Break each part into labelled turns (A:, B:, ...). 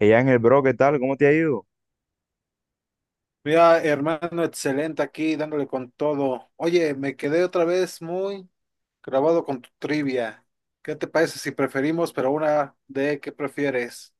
A: Ella en el bro, ¿qué tal? ¿Cómo te ha ido?
B: Mira, hermano, excelente aquí, dándole con todo. Oye, me quedé otra vez muy grabado con tu trivia. ¿Qué te parece si preferimos, pero una de qué prefieres?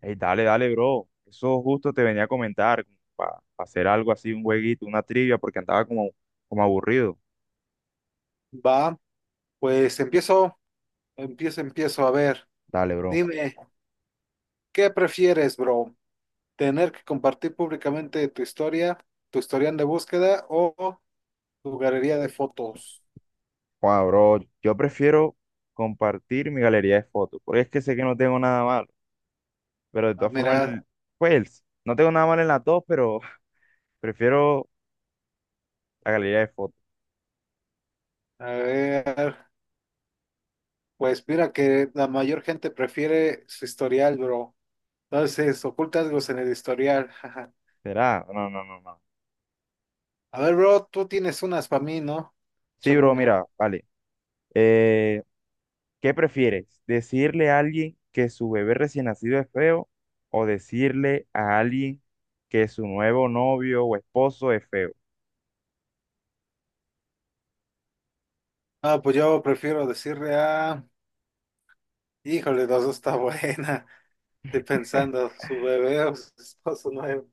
A: Ey, dale, bro. Eso justo te venía a comentar, para hacer algo así, un jueguito, una trivia, porque andaba como aburrido.
B: Va, pues empiezo. A ver,
A: Dale, bro.
B: dime, ¿qué prefieres, bro? ¿Tener que compartir públicamente tu historia, tu historial de búsqueda o tu galería de fotos?
A: Wow, bro, yo prefiero compartir mi galería de fotos, porque es que sé que no tengo nada malo, pero de
B: Ah,
A: todas formas,
B: mira,
A: pues, no tengo nada mal en las dos, pero prefiero la galería de fotos.
B: a ver, pues mira que la mayor gente prefiere su historial, bro. Entonces, oculta algo en el historial. Jaja.
A: ¿Será? No, no, no, no.
B: A ver, bro, tú tienes unas para mí, ¿no?
A: Sí,
B: Échame
A: bro,
B: una.
A: mira, vale. Eh, ¿Qué prefieres? ¿Decirle a alguien que su bebé recién nacido es feo o decirle a alguien que su nuevo novio o esposo es feo?
B: Ah, pues yo prefiero decirle a... Híjole, las dos está buena. Estoy pensando, su bebé o su esposo nuevo.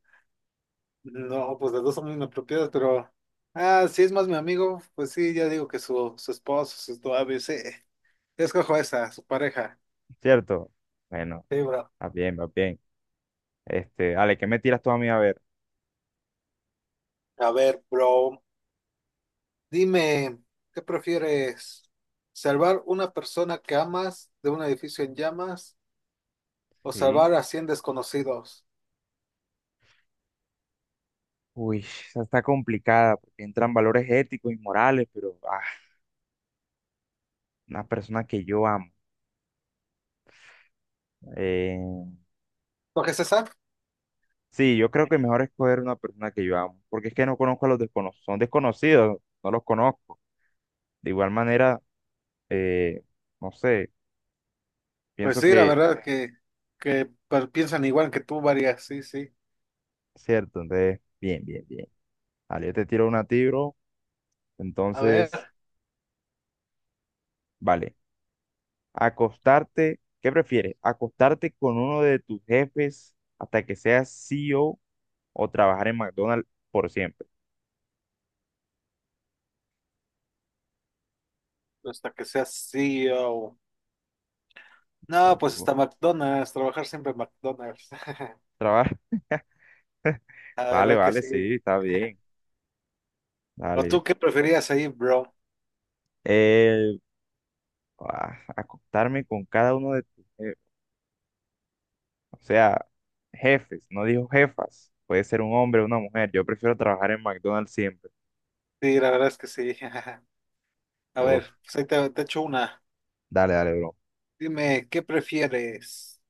B: No, pues las dos son muy inapropiadas, pero... Ah, si es más mi amigo, pues sí, ya digo que su esposo, su novio, sí. Yo escojo esa, su pareja.
A: ¿Cierto? Bueno,
B: Sí, bro.
A: va bien, va bien. Este, Ale, ¿qué me tiras tú a mí a ver?
B: A ver, bro, dime, ¿qué prefieres? ¿Salvar una persona que amas de un edificio en llamas o
A: Sí.
B: salvar a 100 desconocidos?
A: Uy, esa está complicada porque entran valores éticos y morales, pero una persona que yo amo. Eh,
B: ¿Lo que César?
A: sí, yo creo que mejor escoger una persona que yo amo, porque es que no conozco a los desconocidos, son desconocidos, no los conozco. De igual manera, eh, no sé.
B: Pues
A: Pienso
B: sí, la
A: que,
B: verdad que piensan igual que tú, varias, sí, sí.
A: cierto, entonces, bien, bien, bien. Vale, yo te tiro una tiro,
B: A ver,
A: entonces, vale. ¿Qué prefieres? ¿Acostarte con uno de tus jefes hasta que seas CEO o trabajar en McDonald's por siempre?
B: hasta que seas CEO. No, pues
A: Uh,
B: hasta McDonald's, trabajar siempre en McDonald's.
A: Trabajar,
B: La
A: vale,
B: verdad que
A: vale,
B: sí.
A: sí, está bien,
B: ¿O
A: vale.
B: tú qué preferías ahí, bro?
A: Eh, acostarme con cada uno de tus jefes, o sea, jefes, no dijo jefas, puede ser un hombre o una mujer, yo prefiero trabajar en McDonald's siempre.
B: Sí, la verdad es que sí. A
A: Uf,
B: ver, pues ahí te echo una.
A: dale, dale, bro.
B: Dime, ¿qué prefieres?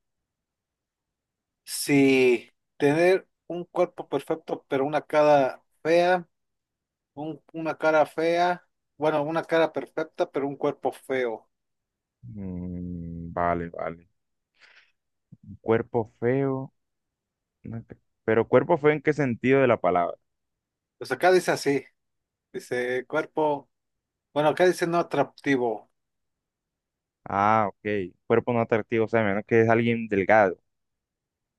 B: Si tener un cuerpo perfecto, pero una cara fea. Una cara fea, bueno, una cara perfecta, pero un cuerpo feo.
A: Mm, vale, vale. Cuerpo feo. No atrac- Pero cuerpo feo en qué sentido de la palabra.
B: Pues acá dice así, dice cuerpo, bueno, acá dice no atractivo.
A: Ah, ok. Cuerpo no atractivo, o sea, menos que es alguien delgado.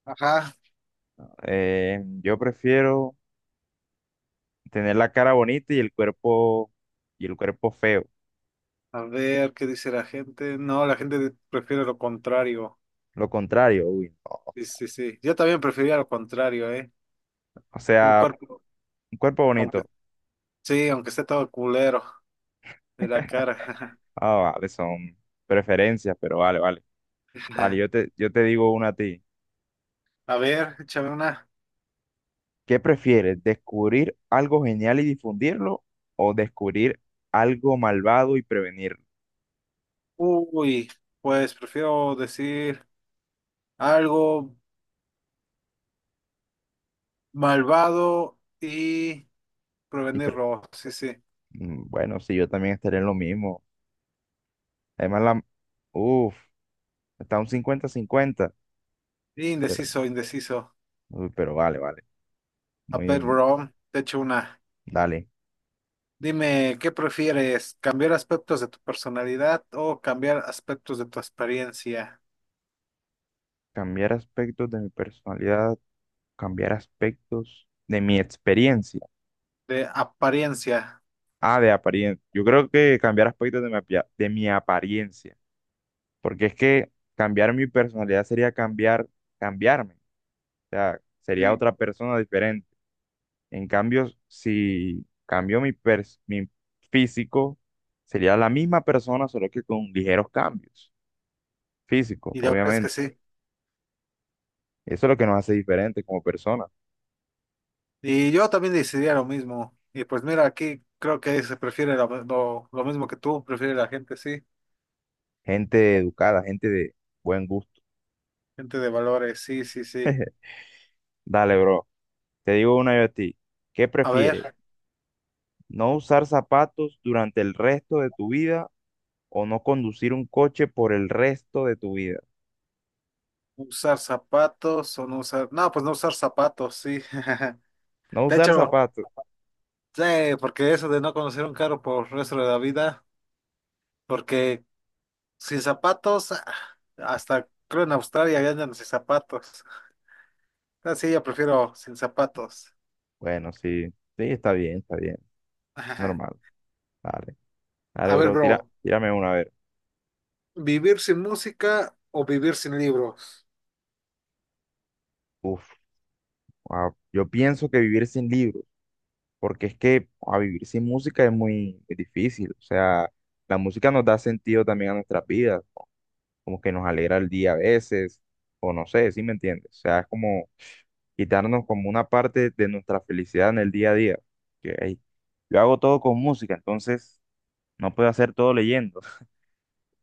B: Ajá,
A: Yo prefiero tener la cara bonita y el cuerpo feo.
B: a ver qué dice la gente. No, la gente prefiere lo contrario.
A: Lo contrario, uy. No.
B: Sí, sí, sí. Yo también prefería lo contrario, ¿eh?
A: O
B: Un
A: sea,
B: cuerpo,
A: un cuerpo
B: aunque
A: bonito.
B: sí, aunque esté todo culero de la cara.
A: Ah, vale, son preferencias, pero vale, vale. Dale, yo te digo una a ti.
B: A ver, échame una.
A: ¿Qué prefieres? ¿Descubrir algo genial y difundirlo o descubrir algo malvado y prevenirlo?
B: Uy, pues prefiero decir algo malvado y
A: Y
B: prevenir
A: pre-
B: robo, sí, sí.
A: bueno, sí, yo también estaría en lo mismo. Además, la... Uf, está un cincuenta cincuenta pero,
B: Indeciso, indeciso.
A: pero vale, vale.
B: A ver,
A: Muy...
B: bro, te echo una.
A: Dale.
B: Dime, ¿qué prefieres? ¿Cambiar aspectos de tu personalidad o cambiar aspectos de tu experiencia?
A: Cambiar aspectos de mi personalidad, cambiar aspectos de mi experiencia.
B: De apariencia.
A: Ah, de apariencia. Yo creo que cambiar aspectos de de mi apariencia. Porque es que cambiar mi personalidad sería cambiarme. O sea, sería
B: Sí.
A: otra persona diferente. En cambio, si cambio mi físico, sería la misma persona, solo que con ligeros cambios físicos,
B: Y la verdad es que
A: obviamente.
B: sí.
A: Eso es lo que nos hace diferentes como personas.
B: Y yo también decidía lo mismo. Y pues mira, aquí creo que se prefiere lo mismo que tú, prefiere la gente, sí.
A: Gente educada, gente de buen gusto.
B: Gente de valores, sí, sí, sí.
A: Dale, bro. Te digo una yo a ti. ¿Qué
B: A
A: prefieres?
B: ver,
A: ¿No usar zapatos durante el resto de tu vida o no conducir un coche por el resto de tu vida?
B: ¿usar zapatos o no usar? No, pues no usar zapatos, sí.
A: No
B: De
A: usar
B: hecho.
A: zapatos.
B: Sí, porque eso de no conocer un carro por el resto de la vida, porque sin zapatos, ah, hasta creo en Australia ya andan sin zapatos. Así yo prefiero sin zapatos.
A: Bueno, sí. Sí, está bien, está bien.
B: Ajá.
A: Normal. Dale.
B: A
A: Dale,
B: ver,
A: bro.
B: bro,
A: Tírame una vez.
B: ¿vivir sin música o vivir sin libros?
A: Uf, yo pienso que vivir sin libros, porque es que a vivir sin música es muy, muy difícil. O sea, la música nos da sentido también a nuestras vidas, como que nos alegra el día a veces, o no sé, ¿sí me entiendes? O sea, es como quitarnos como una parte de nuestra felicidad en el día a día. Que, ey, yo hago todo con música, entonces no puedo hacer todo leyendo.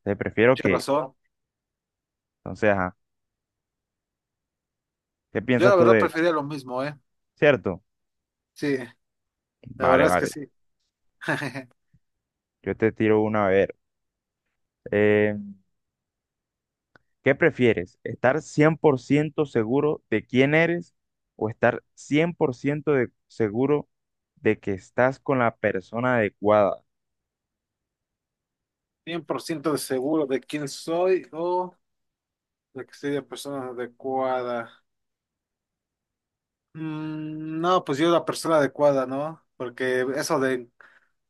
A: Entonces prefiero
B: Qué
A: que,
B: razón.
A: entonces, ajá, ¿qué
B: Yo
A: piensas
B: la
A: tú
B: verdad
A: de, él?
B: prefería lo mismo, ¿eh?
A: ¿Cierto?
B: Sí, la verdad es que
A: Vale,
B: sí.
A: yo te tiro una a ver. eh, ¿Qué prefieres? ¿Estar 100% seguro de quién eres o estar 100% de- seguro de que estás con la persona adecuada?
B: 100% de seguro de quién soy o de que soy la persona adecuada. Mm, no, pues yo la persona adecuada, ¿no? Porque eso de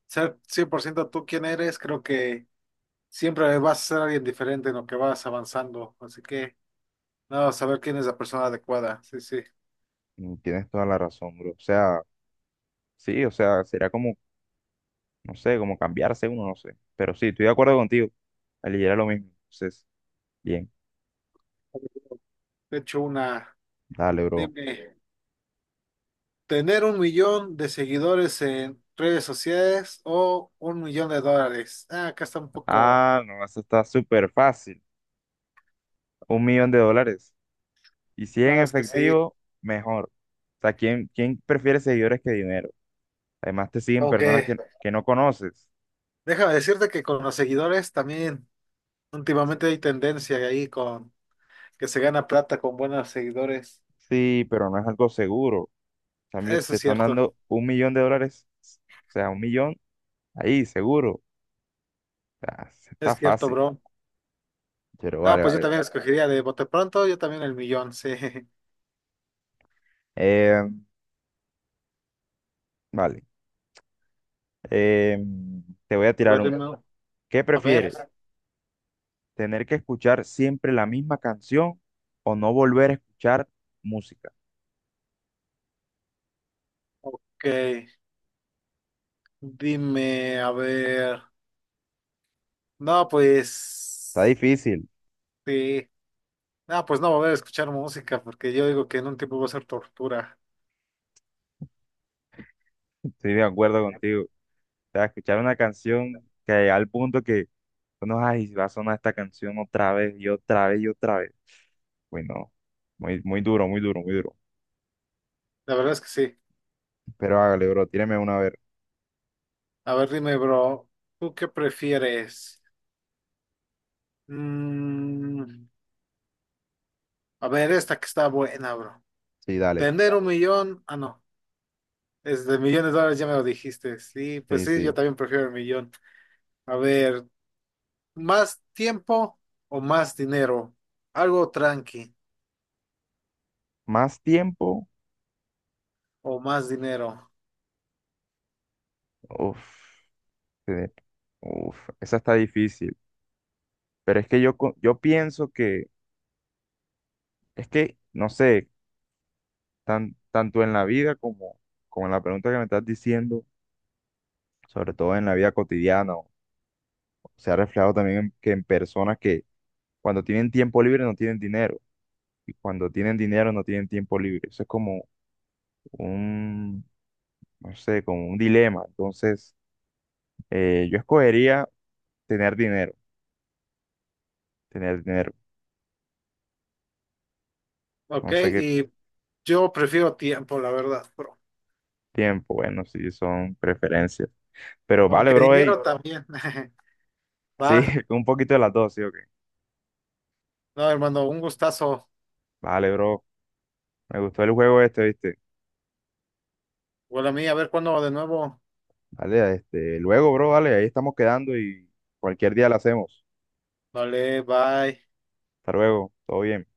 B: ser 100% tú quien eres, creo que siempre vas a ser alguien diferente en lo que vas avanzando. Así que, nada, saber quién es la persona adecuada. Sí, sí.
A: Mm, tienes toda la razón, bro. O sea, sí, o sea, será como, no sé, como cambiarse uno, no sé. Pero sí, estoy de acuerdo contigo. Aliviera lo mismo. Entonces, bien,
B: De hecho,
A: dale, bro.
B: dime, tener 1 millón de seguidores en redes sociales o 1 millón de dólares. Ah, acá está un poco,
A: Ah, no, eso está súper fácil. Un millón de dólares. Y si en
B: no, es que sí.
A: efectivo, mejor. O sea, quién prefiere seguidores que dinero? Además, te siguen
B: Como que,
A: que no conoces.
B: déjame decirte que con los seguidores también últimamente hay tendencia ahí con que se gana plata con buenos seguidores.
A: Sí, pero no es algo seguro. En cambio,
B: Eso
A: te están dando un millón de dólares, o sea, un millón ahí, seguro. O sea,
B: es
A: está
B: cierto,
A: fácil.
B: bro.
A: Pero
B: Ah,
A: vale,
B: pues yo
A: vale.
B: también escogería de bote pronto, yo también el millón, sí.
A: Eh, vale. Eh, te voy a
B: A
A: tirar
B: ver,
A: una.
B: dime,
A: ¿Qué
B: a ver,
A: prefieres? ¿Tener que escuchar siempre la misma canción o no volver a escuchar música?
B: ok, dime, a ver. No,
A: Está
B: pues,
A: difícil.
B: sí. No, pues no va a haber escuchar música, porque yo digo que en un tiempo va a ser tortura.
A: Estoy de acuerdo contigo. Sea, escuchar una canción que al punto que uno, ay, va a sonar esta canción otra vez y otra vez y otra vez. Uy, no muy, muy duro, muy duro, muy duro.
B: La verdad es que sí.
A: Pero hágale, bro, tíreme una a ver.
B: A ver, dime, bro, ¿tú qué prefieres? Mm, a ver, esta que está buena, bro.
A: Sí, dale.
B: Tener un millón, ah, no, es de millones de dólares, ya me lo dijiste. Sí, pues
A: Sí,
B: sí, yo
A: sí.
B: también prefiero el millón. A ver. ¿Más tiempo o más dinero? Algo tranqui
A: Más tiempo,
B: o más dinero.
A: uff, uff, esa está difícil. Pero es que yo pienso que, es que, no sé, tanto en la vida como, como en la pregunta que me estás diciendo, sobre todo en la vida cotidiana, se ha reflejado también que en personas que cuando tienen tiempo libre no tienen dinero. Y cuando tienen dinero no tienen tiempo libre. Eso es como un, no sé, como un dilema. Entonces, yo escogería tener dinero, tener dinero.
B: Ok,
A: No sé qué
B: y yo prefiero tiempo, la verdad, bro.
A: tiempo, bueno, sí son preferencias. Pero vale,
B: Aunque
A: bro, ey.
B: dinero también.
A: Sí,
B: Va.
A: un poquito de las dos, sí, ok.
B: No, hermano, un gustazo.
A: Vale, bro. Me gustó el juego este, ¿viste?
B: Bueno, a mí, a ver cuándo de nuevo.
A: Vale, este, luego, bro, vale, ahí estamos quedando y cualquier día lo hacemos.
B: Vale, bye.
A: Hasta luego, todo bien.